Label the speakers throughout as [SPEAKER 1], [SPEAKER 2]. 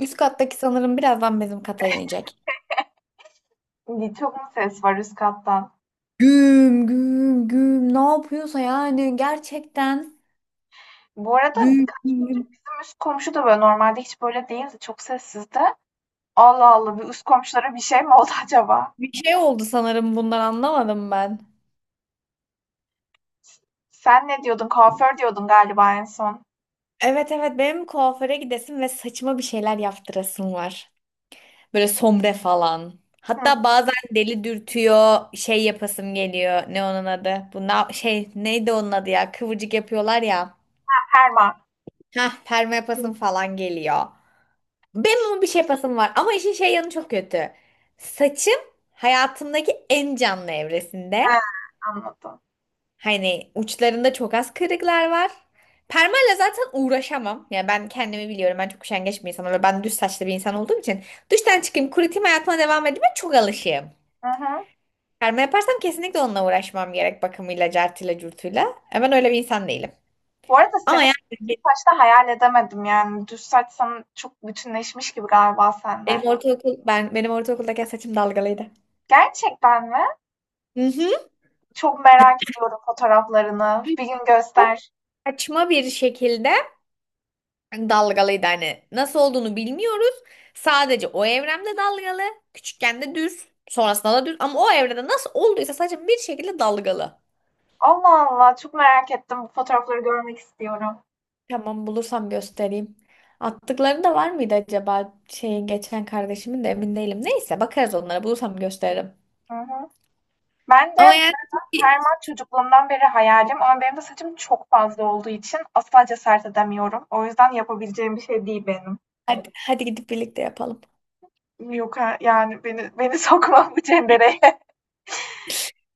[SPEAKER 1] Üst kattaki sanırım birazdan bizim kata inecek.
[SPEAKER 2] Çok mu ses var üst kattan?
[SPEAKER 1] Güm güm güm ne yapıyorsa yani gerçekten
[SPEAKER 2] Bu arada
[SPEAKER 1] güm
[SPEAKER 2] birkaç
[SPEAKER 1] güm
[SPEAKER 2] gündür
[SPEAKER 1] güm.
[SPEAKER 2] bizim üst komşu da böyle normalde hiç böyle değildi. Çok sessizdi. Allah Allah bir üst komşulara bir şey mi oldu acaba?
[SPEAKER 1] Bir şey oldu sanırım bundan anlamadım ben.
[SPEAKER 2] Sen ne diyordun? Kuaför diyordun galiba en son.
[SPEAKER 1] Evet evet, benim kuaföre gidesim ve saçıma bir şeyler yaptırasım var. Böyle sombre falan.
[SPEAKER 2] Hı,
[SPEAKER 1] Hatta bazen deli dürtüyor şey yapasım geliyor. Ne onun adı? Bu şey neydi onun adı ya? Kıvırcık yapıyorlar ya.
[SPEAKER 2] Herman.
[SPEAKER 1] Hah, perma yapasım falan geliyor. Benim ama bir şey yapasım var. Ama işin şey yanı çok kötü. Saçım hayatımdaki en canlı evresinde.
[SPEAKER 2] He, anladım.
[SPEAKER 1] Hani uçlarında çok az kırıklar var. Permayla zaten uğraşamam. Yani ben kendimi biliyorum. Ben çok üşengeç bir insanım ben düz saçlı bir insan olduğum için. Duştan çıkayım, kurutayım, hayatıma devam edeyim. Ben çok alışığım.
[SPEAKER 2] Hı hı.
[SPEAKER 1] Perma yaparsam kesinlikle onunla uğraşmam gerek. Bakımıyla, cartıyla, curtuyla. Ben öyle bir insan değilim.
[SPEAKER 2] Bu arada
[SPEAKER 1] Ama
[SPEAKER 2] seni kısa
[SPEAKER 1] yani
[SPEAKER 2] saçta hayal edemedim yani. Düz saç sana çok bütünleşmiş gibi galiba seninle.
[SPEAKER 1] benim ortaokuldaki saçım dalgalıydı.
[SPEAKER 2] Gerçekten mi?
[SPEAKER 1] Hı hı.
[SPEAKER 2] Çok merak ediyorum fotoğraflarını. Bir gün
[SPEAKER 1] Çok
[SPEAKER 2] göster.
[SPEAKER 1] saçma bir şekilde dalgalıydı, hani nasıl olduğunu bilmiyoruz. Sadece o evrende dalgalı, küçükken de düz, sonrasında da düz, ama o evrede nasıl olduysa sadece bir şekilde dalgalı.
[SPEAKER 2] Allah Allah çok merak ettim. Bu fotoğrafları görmek istiyorum.
[SPEAKER 1] Tamam, bulursam göstereyim. Attıkları da var mıydı acaba şeyin, geçen kardeşimin de emin değilim. Neyse bakarız onlara, bulursam gösteririm.
[SPEAKER 2] Hı hı. Ben de
[SPEAKER 1] Ama yani
[SPEAKER 2] permak çocukluğumdan beri hayalim, ama benim de saçım çok fazla olduğu için asla cesaret edemiyorum. O yüzden yapabileceğim bir şey değil benim.
[SPEAKER 1] hadi gidip birlikte yapalım.
[SPEAKER 2] Yok yani beni sokma bu cendereye.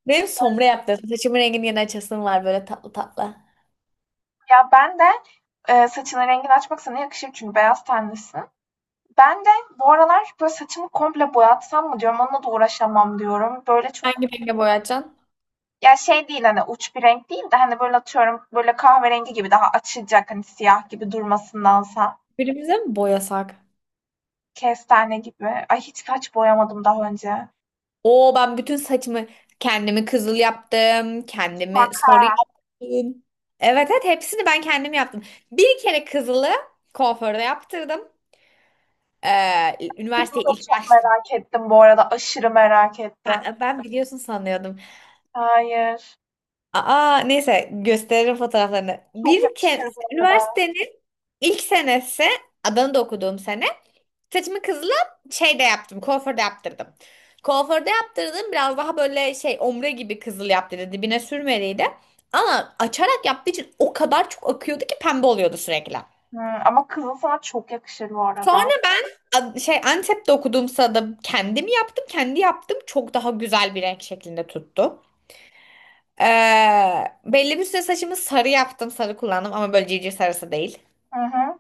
[SPEAKER 1] Benim sombre yaptım. Saçımın rengini yeni açasım var böyle tatlı tatlı.
[SPEAKER 2] Ya ben de saçının rengini açmak sana yakışır çünkü beyaz tenlisin. Ben de bu aralar böyle saçımı komple boyatsam mı diyorum, onunla da uğraşamam diyorum. Böyle çok
[SPEAKER 1] Hangi renge boyayacaksın?
[SPEAKER 2] ya şey değil, hani uç bir renk değil de hani böyle atıyorum böyle kahverengi gibi, daha açılacak hani siyah gibi durmasındansa.
[SPEAKER 1] Birimize mi boyasak?
[SPEAKER 2] Kestane gibi. Ay, hiç saç boyamadım daha önce.
[SPEAKER 1] Oo, ben bütün saçımı, kendimi kızıl yaptım. Kendimi
[SPEAKER 2] Bak
[SPEAKER 1] sarı
[SPEAKER 2] ha.
[SPEAKER 1] yaptım. Evet evet, hepsini ben kendim yaptım. Bir kere kızılı kuaförde yaptırdım.
[SPEAKER 2] Kızıl
[SPEAKER 1] Üniversiteye
[SPEAKER 2] da
[SPEAKER 1] ilk
[SPEAKER 2] çok
[SPEAKER 1] başladım.
[SPEAKER 2] merak ettim bu arada. Aşırı merak ettim.
[SPEAKER 1] Ben biliyorsun sanıyordum.
[SPEAKER 2] Hayır.
[SPEAKER 1] Aa, neyse gösteririm fotoğraflarını.
[SPEAKER 2] Çok
[SPEAKER 1] Bir kere
[SPEAKER 2] yakışır bu arada.
[SPEAKER 1] üniversitenin ilk senesi, Adana'da okuduğum sene. Saçımı kızla şey de yaptım. Kuaförde yaptırdım. Kuaförde yaptırdım. Biraz daha böyle şey ombre gibi kızıl yaptırdı. Dibine sürmeliydi. Ama açarak yaptığı için o kadar çok akıyordu ki pembe oluyordu sürekli.
[SPEAKER 2] Hı, ama kızıl sana çok yakışır bu
[SPEAKER 1] Sonra
[SPEAKER 2] arada.
[SPEAKER 1] ben şey Antep'te okuduğumsa da kendim yaptım. Kendi yaptım. Çok daha güzel bir renk şeklinde tuttu. Ee, Belli bir süre saçımı sarı yaptım. Sarı kullandım ama böyle civciv sarısı değil.
[SPEAKER 2] Hı hı.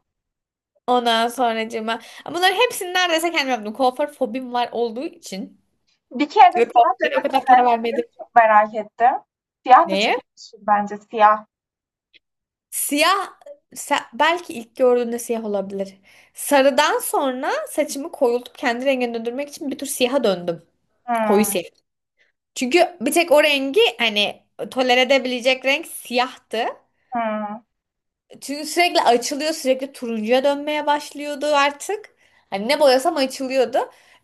[SPEAKER 1] Ondan sonracığıma bunların hepsini neredeyse kendim yaptım. Kuaför fobim var olduğu için.
[SPEAKER 2] Bir kere de
[SPEAKER 1] Ve
[SPEAKER 2] siyah
[SPEAKER 1] pahalıya o kadar para
[SPEAKER 2] denesene. Siyah
[SPEAKER 1] vermedim.
[SPEAKER 2] çok merak ettim. Siyah da çok
[SPEAKER 1] Neye?
[SPEAKER 2] yakışır bence. Siyah.
[SPEAKER 1] Siyah belki ilk gördüğünde siyah olabilir. Sarıdan sonra saçımı koyultup kendi rengine döndürmek için bir tür siyaha döndüm. Koyu
[SPEAKER 2] Hı,
[SPEAKER 1] siyah. Çünkü bir tek o rengi hani tolere edebilecek renk siyahtı.
[SPEAKER 2] hı.
[SPEAKER 1] Çünkü sürekli açılıyor, sürekli turuncuya dönmeye başlıyordu artık. Hani ne boyasam açılıyordu.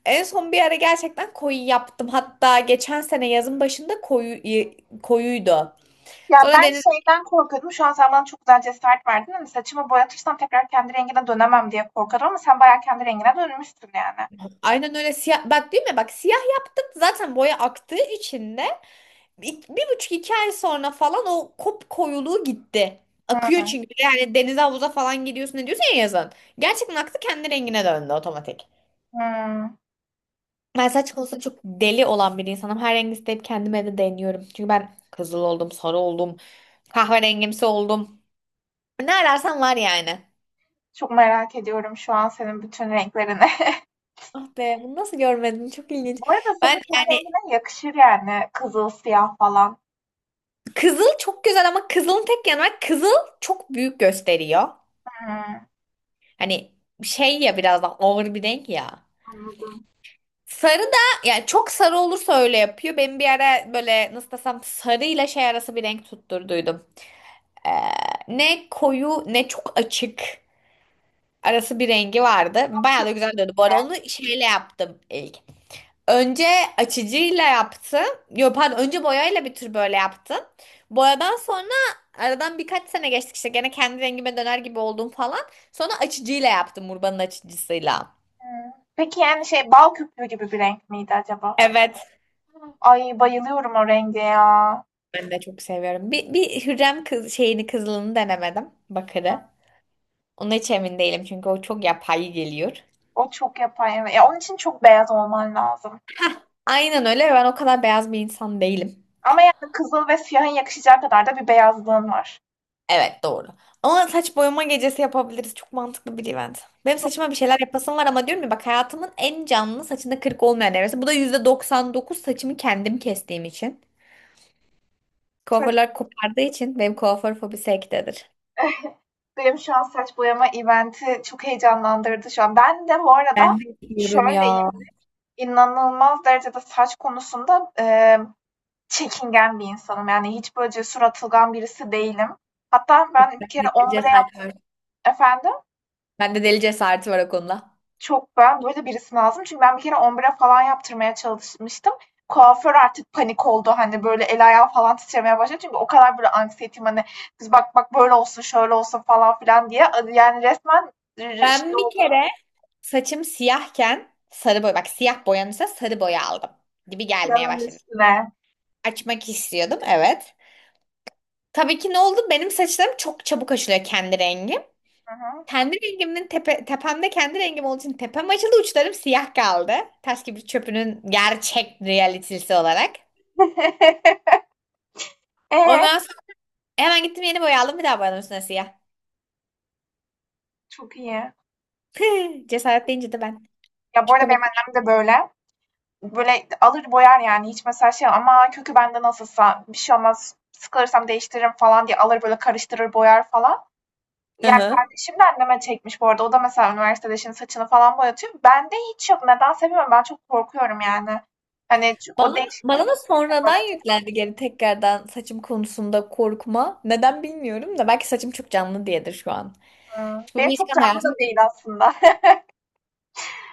[SPEAKER 1] En son bir ara gerçekten koyu yaptım. Hatta geçen sene yazın başında koyu koyuydu.
[SPEAKER 2] Ya
[SPEAKER 1] Sonra
[SPEAKER 2] ben
[SPEAKER 1] denize.
[SPEAKER 2] şeyden korkuyordum. Şu an sen bana çok güzel cesaret verdin. Hani saçımı boyatırsam tekrar kendi rengine dönemem diye korkuyordum ama sen bayağı kendi rengine dönmüşsün yani.
[SPEAKER 1] Aynen öyle siyah bak, değil mi? Bak, siyah yaptık, zaten boya aktığı için de bir, bir buçuk iki ay sonra falan o kop koyuluğu gitti. Akıyor
[SPEAKER 2] Hı.
[SPEAKER 1] çünkü, yani denize havuza falan gidiyorsun ne diyorsun ya yazın. Gerçekten aktı, kendi rengine döndü otomatik.
[SPEAKER 2] Hımm.
[SPEAKER 1] Ben saç konusunda çok deli olan bir insanım. Her rengi isteyip kendime de deniyorum. Çünkü ben kızıl oldum, sarı oldum, kahverengimsi oldum. Ne ararsan var yani.
[SPEAKER 2] Çok merak ediyorum şu an senin bütün renklerini.
[SPEAKER 1] Ah be, bunu nasıl görmedim, çok ilginç.
[SPEAKER 2] Bu arada
[SPEAKER 1] Ben
[SPEAKER 2] senin ten
[SPEAKER 1] yani,
[SPEAKER 2] rengine yakışır yani kızıl, siyah falan.
[SPEAKER 1] kızıl çok güzel ama kızılın tek yanı var. Kızıl çok büyük gösteriyor.
[SPEAKER 2] Hımm,
[SPEAKER 1] Hani şey ya, biraz daha ağır bir renk ya.
[SPEAKER 2] anladım.
[SPEAKER 1] Sarı da yani çok sarı olursa öyle yapıyor. Ben bir ara böyle nasıl desem sarıyla şey arası bir renk tutturduydum. Ee, Ne koyu ne çok açık arası bir rengi vardı. Bayağı da güzel döndü. Bu arada onu şeyle yaptım ilk. Önce açıcıyla yaptım. Yok pardon, önce boyayla bir tür böyle yaptım. Boyadan sonra aradan birkaç sene geçtik, işte gene kendi rengime döner gibi oldum falan. Sonra açıcıyla yaptım, Urban'ın açıcısıyla.
[SPEAKER 2] Hımm. Peki, yani, şey, bal köpüğü gibi bir renk miydi acaba?
[SPEAKER 1] Evet.
[SPEAKER 2] Hmm. Ay, bayılıyorum o renge ya.
[SPEAKER 1] Ben de çok seviyorum. Bir Hürrem kız, şeyini, kızılını denemedim. Bakırı. Ona hiç emin değilim çünkü o çok yapay geliyor.
[SPEAKER 2] O çok yapar, evet. Ya, onun için çok beyaz olman lazım.
[SPEAKER 1] Aynen öyle, ve ben o kadar beyaz bir insan değilim.
[SPEAKER 2] Ama yani kızıl ve siyahın yakışacağı kadar da bir beyazlığın var.
[SPEAKER 1] Evet doğru. Ama saç boyama gecesi yapabiliriz. Çok mantıklı bir event. Benim saçıma bir şeyler yapasım var ama diyorum ya, bak hayatımın en canlı saçında kırık olmayan evresi. Bu da %99 saçımı kendim kestiğim için.
[SPEAKER 2] Saç,
[SPEAKER 1] Kuaförler kopardığı için benim kuaför fobisi ektedir.
[SPEAKER 2] benim şu an saç boyama event'i çok heyecanlandırdı şu an. Ben de bu arada
[SPEAKER 1] Diyorum
[SPEAKER 2] şöyle
[SPEAKER 1] ya.
[SPEAKER 2] İnanılmaz derecede saç konusunda, çekingen bir insanım. Yani hiç böyle cesur, atılgan birisi değilim. Hatta
[SPEAKER 1] Of,
[SPEAKER 2] ben bir kere
[SPEAKER 1] bende deli
[SPEAKER 2] ombre yap—
[SPEAKER 1] cesareti var.
[SPEAKER 2] Efendim?
[SPEAKER 1] Bende deli cesareti var o konuda.
[SPEAKER 2] Çok ben böyle birisi lazım. Çünkü ben bir kere ombre falan yaptırmaya çalışmıştım. Kuaför artık panik oldu. Hani, böyle el ayağı falan titremeye başladı. Çünkü o kadar böyle anksiyetim hani, "Kız bak bak böyle olsun, şöyle olsun." falan filan diye. Yani resmen şey
[SPEAKER 1] Ben bir
[SPEAKER 2] oldu,
[SPEAKER 1] kere saçım siyahken sarı boya. Bak, siyah boyanırsa sarı boya aldım. Dibi gelmeye
[SPEAKER 2] yağın
[SPEAKER 1] başladı.
[SPEAKER 2] üstüne.
[SPEAKER 1] Açmak istiyordum evet. Tabii ki ne oldu? Benim saçlarım çok çabuk açılıyor kendi rengi.
[SPEAKER 2] Hı hı.
[SPEAKER 1] Kendi rengimin tepemde kendi rengim olduğu için tepem açıldı, uçlarım siyah kaldı. Taş gibi çöpünün gerçek realitesi olarak.
[SPEAKER 2] Eee?
[SPEAKER 1] Ondan sonra hemen gittim, yeni boya aldım, bir daha boyadım üstüne siyah.
[SPEAKER 2] Çok iyi.
[SPEAKER 1] Cesaret deyince de ben.
[SPEAKER 2] Ya, bu
[SPEAKER 1] Çok
[SPEAKER 2] arada benim
[SPEAKER 1] komik.
[SPEAKER 2] annem de böyle. Böyle alır boyar, yani hiç mesela şey, ama kökü bende nasılsa bir şey olmaz, sıkılırsam değiştiririm falan diye alır böyle karıştırır boyar falan.
[SPEAKER 1] Hı
[SPEAKER 2] Yani
[SPEAKER 1] hı.
[SPEAKER 2] kardeşim de anneme çekmiş bu arada. O da mesela üniversitede şimdi saçını falan boyatıyor. Bende hiç yok. Nedense bilmiyorum. Ben çok korkuyorum yani. Hani çünkü o
[SPEAKER 1] Bana,
[SPEAKER 2] değişiklik
[SPEAKER 1] bana da
[SPEAKER 2] bugün mü var
[SPEAKER 1] sonradan
[SPEAKER 2] acaba?
[SPEAKER 1] yüklendi geri, tekrardan saçım konusunda korkma. Neden bilmiyorum da belki saçım çok canlı diyedir şu an.
[SPEAKER 2] Hı.
[SPEAKER 1] Bu bir
[SPEAKER 2] Benim çok
[SPEAKER 1] ilişkin
[SPEAKER 2] canlı
[SPEAKER 1] hayatım.
[SPEAKER 2] da değil aslında.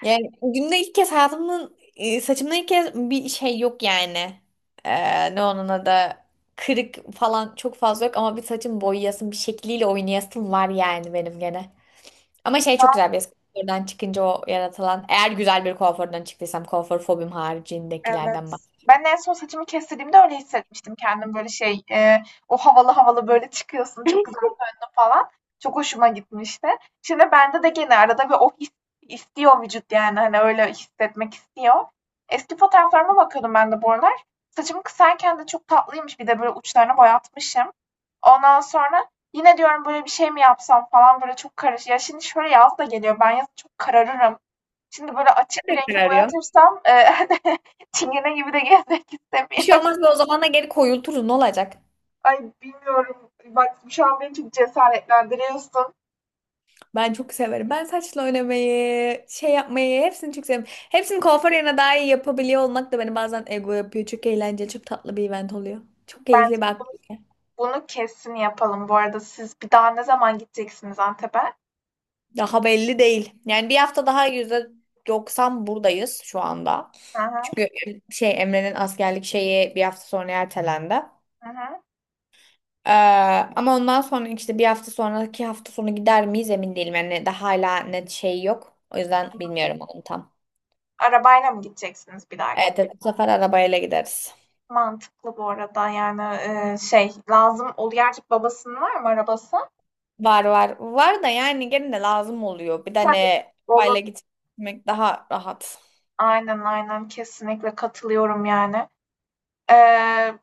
[SPEAKER 1] Yani günde ilk kez hayatımın saçımda ilk kez bir şey yok yani. Ne onun adı, kırık falan çok fazla yok ama bir saçım boyayasım, bir şekliyle oynayasım var yani benim gene. Ama şey çok güzel bir kuaförden çıkınca o yaratılan, eğer güzel bir kuaförden çıktıysam, kuaför fobim haricindekilerden
[SPEAKER 2] Evet. Ben
[SPEAKER 1] bahsediyorum.
[SPEAKER 2] en son saçımı kestirdiğimde öyle hissetmiştim kendim, böyle şey o havalı havalı böyle çıkıyorsun çok falan. Çok hoşuma gitmişti. Şimdi bende de gene arada bir o his istiyor vücut, yani hani öyle hissetmek istiyor. Eski fotoğraflarıma bakıyordum ben de bu aralar. Saçımı kısarken de çok tatlıymış, bir de böyle uçlarını boyatmışım. Ondan sonra yine diyorum böyle bir şey mi yapsam falan, böyle çok karış. Ya şimdi şöyle yaz da geliyor, ben yazın çok kararırım. Şimdi böyle açık bir rengi
[SPEAKER 1] Ne arıyor?
[SPEAKER 2] boyatırsam çingene gibi de gezmek
[SPEAKER 1] Bir şey
[SPEAKER 2] istemiyorum.
[SPEAKER 1] olmaz, ve o zaman da geri koyulturuz ne olacak?
[SPEAKER 2] Ay bilmiyorum. Bak şu an beni çok cesaretlendiriyorsun.
[SPEAKER 1] Ben çok severim. Ben saçla oynamayı, şey yapmayı hepsini çok severim. Hepsini kuaför yerine daha iyi yapabiliyor olmak da beni bazen ego yapıyor. Çok eğlenceli, çok tatlı bir event oluyor. Çok
[SPEAKER 2] Bence
[SPEAKER 1] keyifli bak.
[SPEAKER 2] bunu kesin yapalım bu arada. Siz bir daha ne zaman gideceksiniz Antep'e?
[SPEAKER 1] Daha belli değil. Yani bir hafta daha %90 buradayız şu anda.
[SPEAKER 2] Hı hı,
[SPEAKER 1] Çünkü şey, Emre'nin askerlik şeyi bir hafta sonra ertelendi.
[SPEAKER 2] hı hı.
[SPEAKER 1] Ee, Ama ondan sonra işte bir hafta sonraki hafta sonu gider miyiz emin değilim. Yani daha hala net şey yok. O yüzden bilmiyorum onu tam.
[SPEAKER 2] Arabayla mı gideceksiniz bir dahaki?
[SPEAKER 1] Evet, evet, bu sefer arabayla gideriz.
[SPEAKER 2] Mantıklı bu arada yani, şey lazım ol, gerçek babasının var mı arabası?
[SPEAKER 1] Var var. Var da yani gene de lazım oluyor. Bir de
[SPEAKER 2] Tabii.
[SPEAKER 1] ne,
[SPEAKER 2] Olur.
[SPEAKER 1] arabayla gitmek daha rahat.
[SPEAKER 2] Aynen aynen, kesinlikle katılıyorum yani. Ee,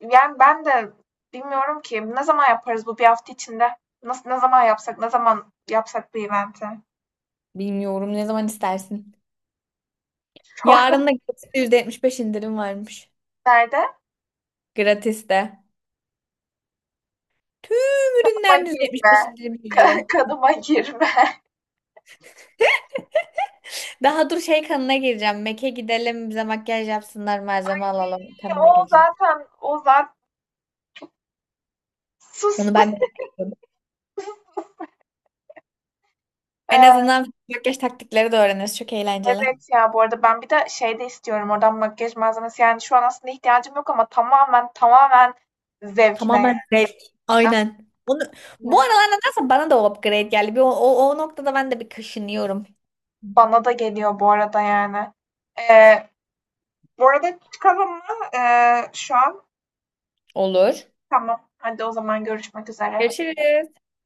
[SPEAKER 2] yani ben de bilmiyorum ki ne zaman yaparız bu bir hafta içinde? Nasıl, ne zaman yapsak, ne zaman yapsak bu eventi?
[SPEAKER 1] Bilmiyorum, ne zaman istersin. Yarın da gratis %75 indirim varmış.
[SPEAKER 2] Nerede?
[SPEAKER 1] Gratis de. Tüm
[SPEAKER 2] Kadıma
[SPEAKER 1] ürünler %75
[SPEAKER 2] girme.
[SPEAKER 1] indirim geliyor.
[SPEAKER 2] Kadıma girme.
[SPEAKER 1] Daha dur şey, kanına gireceğim. Mac'e gidelim, bize makyaj yapsınlar, malzeme alalım, kanına
[SPEAKER 2] O
[SPEAKER 1] gireceğim.
[SPEAKER 2] zaten o zaten sus.
[SPEAKER 1] Onu ben de yapıyorum. En
[SPEAKER 2] Eee,
[SPEAKER 1] azından makyaj taktikleri de öğreniriz. Çok eğlenceli.
[SPEAKER 2] evet ya, bu arada ben bir de şey de istiyorum oradan, makyaj malzemesi. Yani şu an aslında ihtiyacım yok ama tamamen zevkine
[SPEAKER 1] Tamamen zevk. Aynen. Onu, bu
[SPEAKER 2] yani.
[SPEAKER 1] aralar nedense bana da o upgrade geldi. Bir, o noktada ben de bir kaşınıyorum.
[SPEAKER 2] Bana da geliyor bu arada yani. Eee bu arada çıkalım mı? Şu an
[SPEAKER 1] Olur.
[SPEAKER 2] tamam. Hadi o zaman görüşmek üzere.
[SPEAKER 1] Görüşürüz.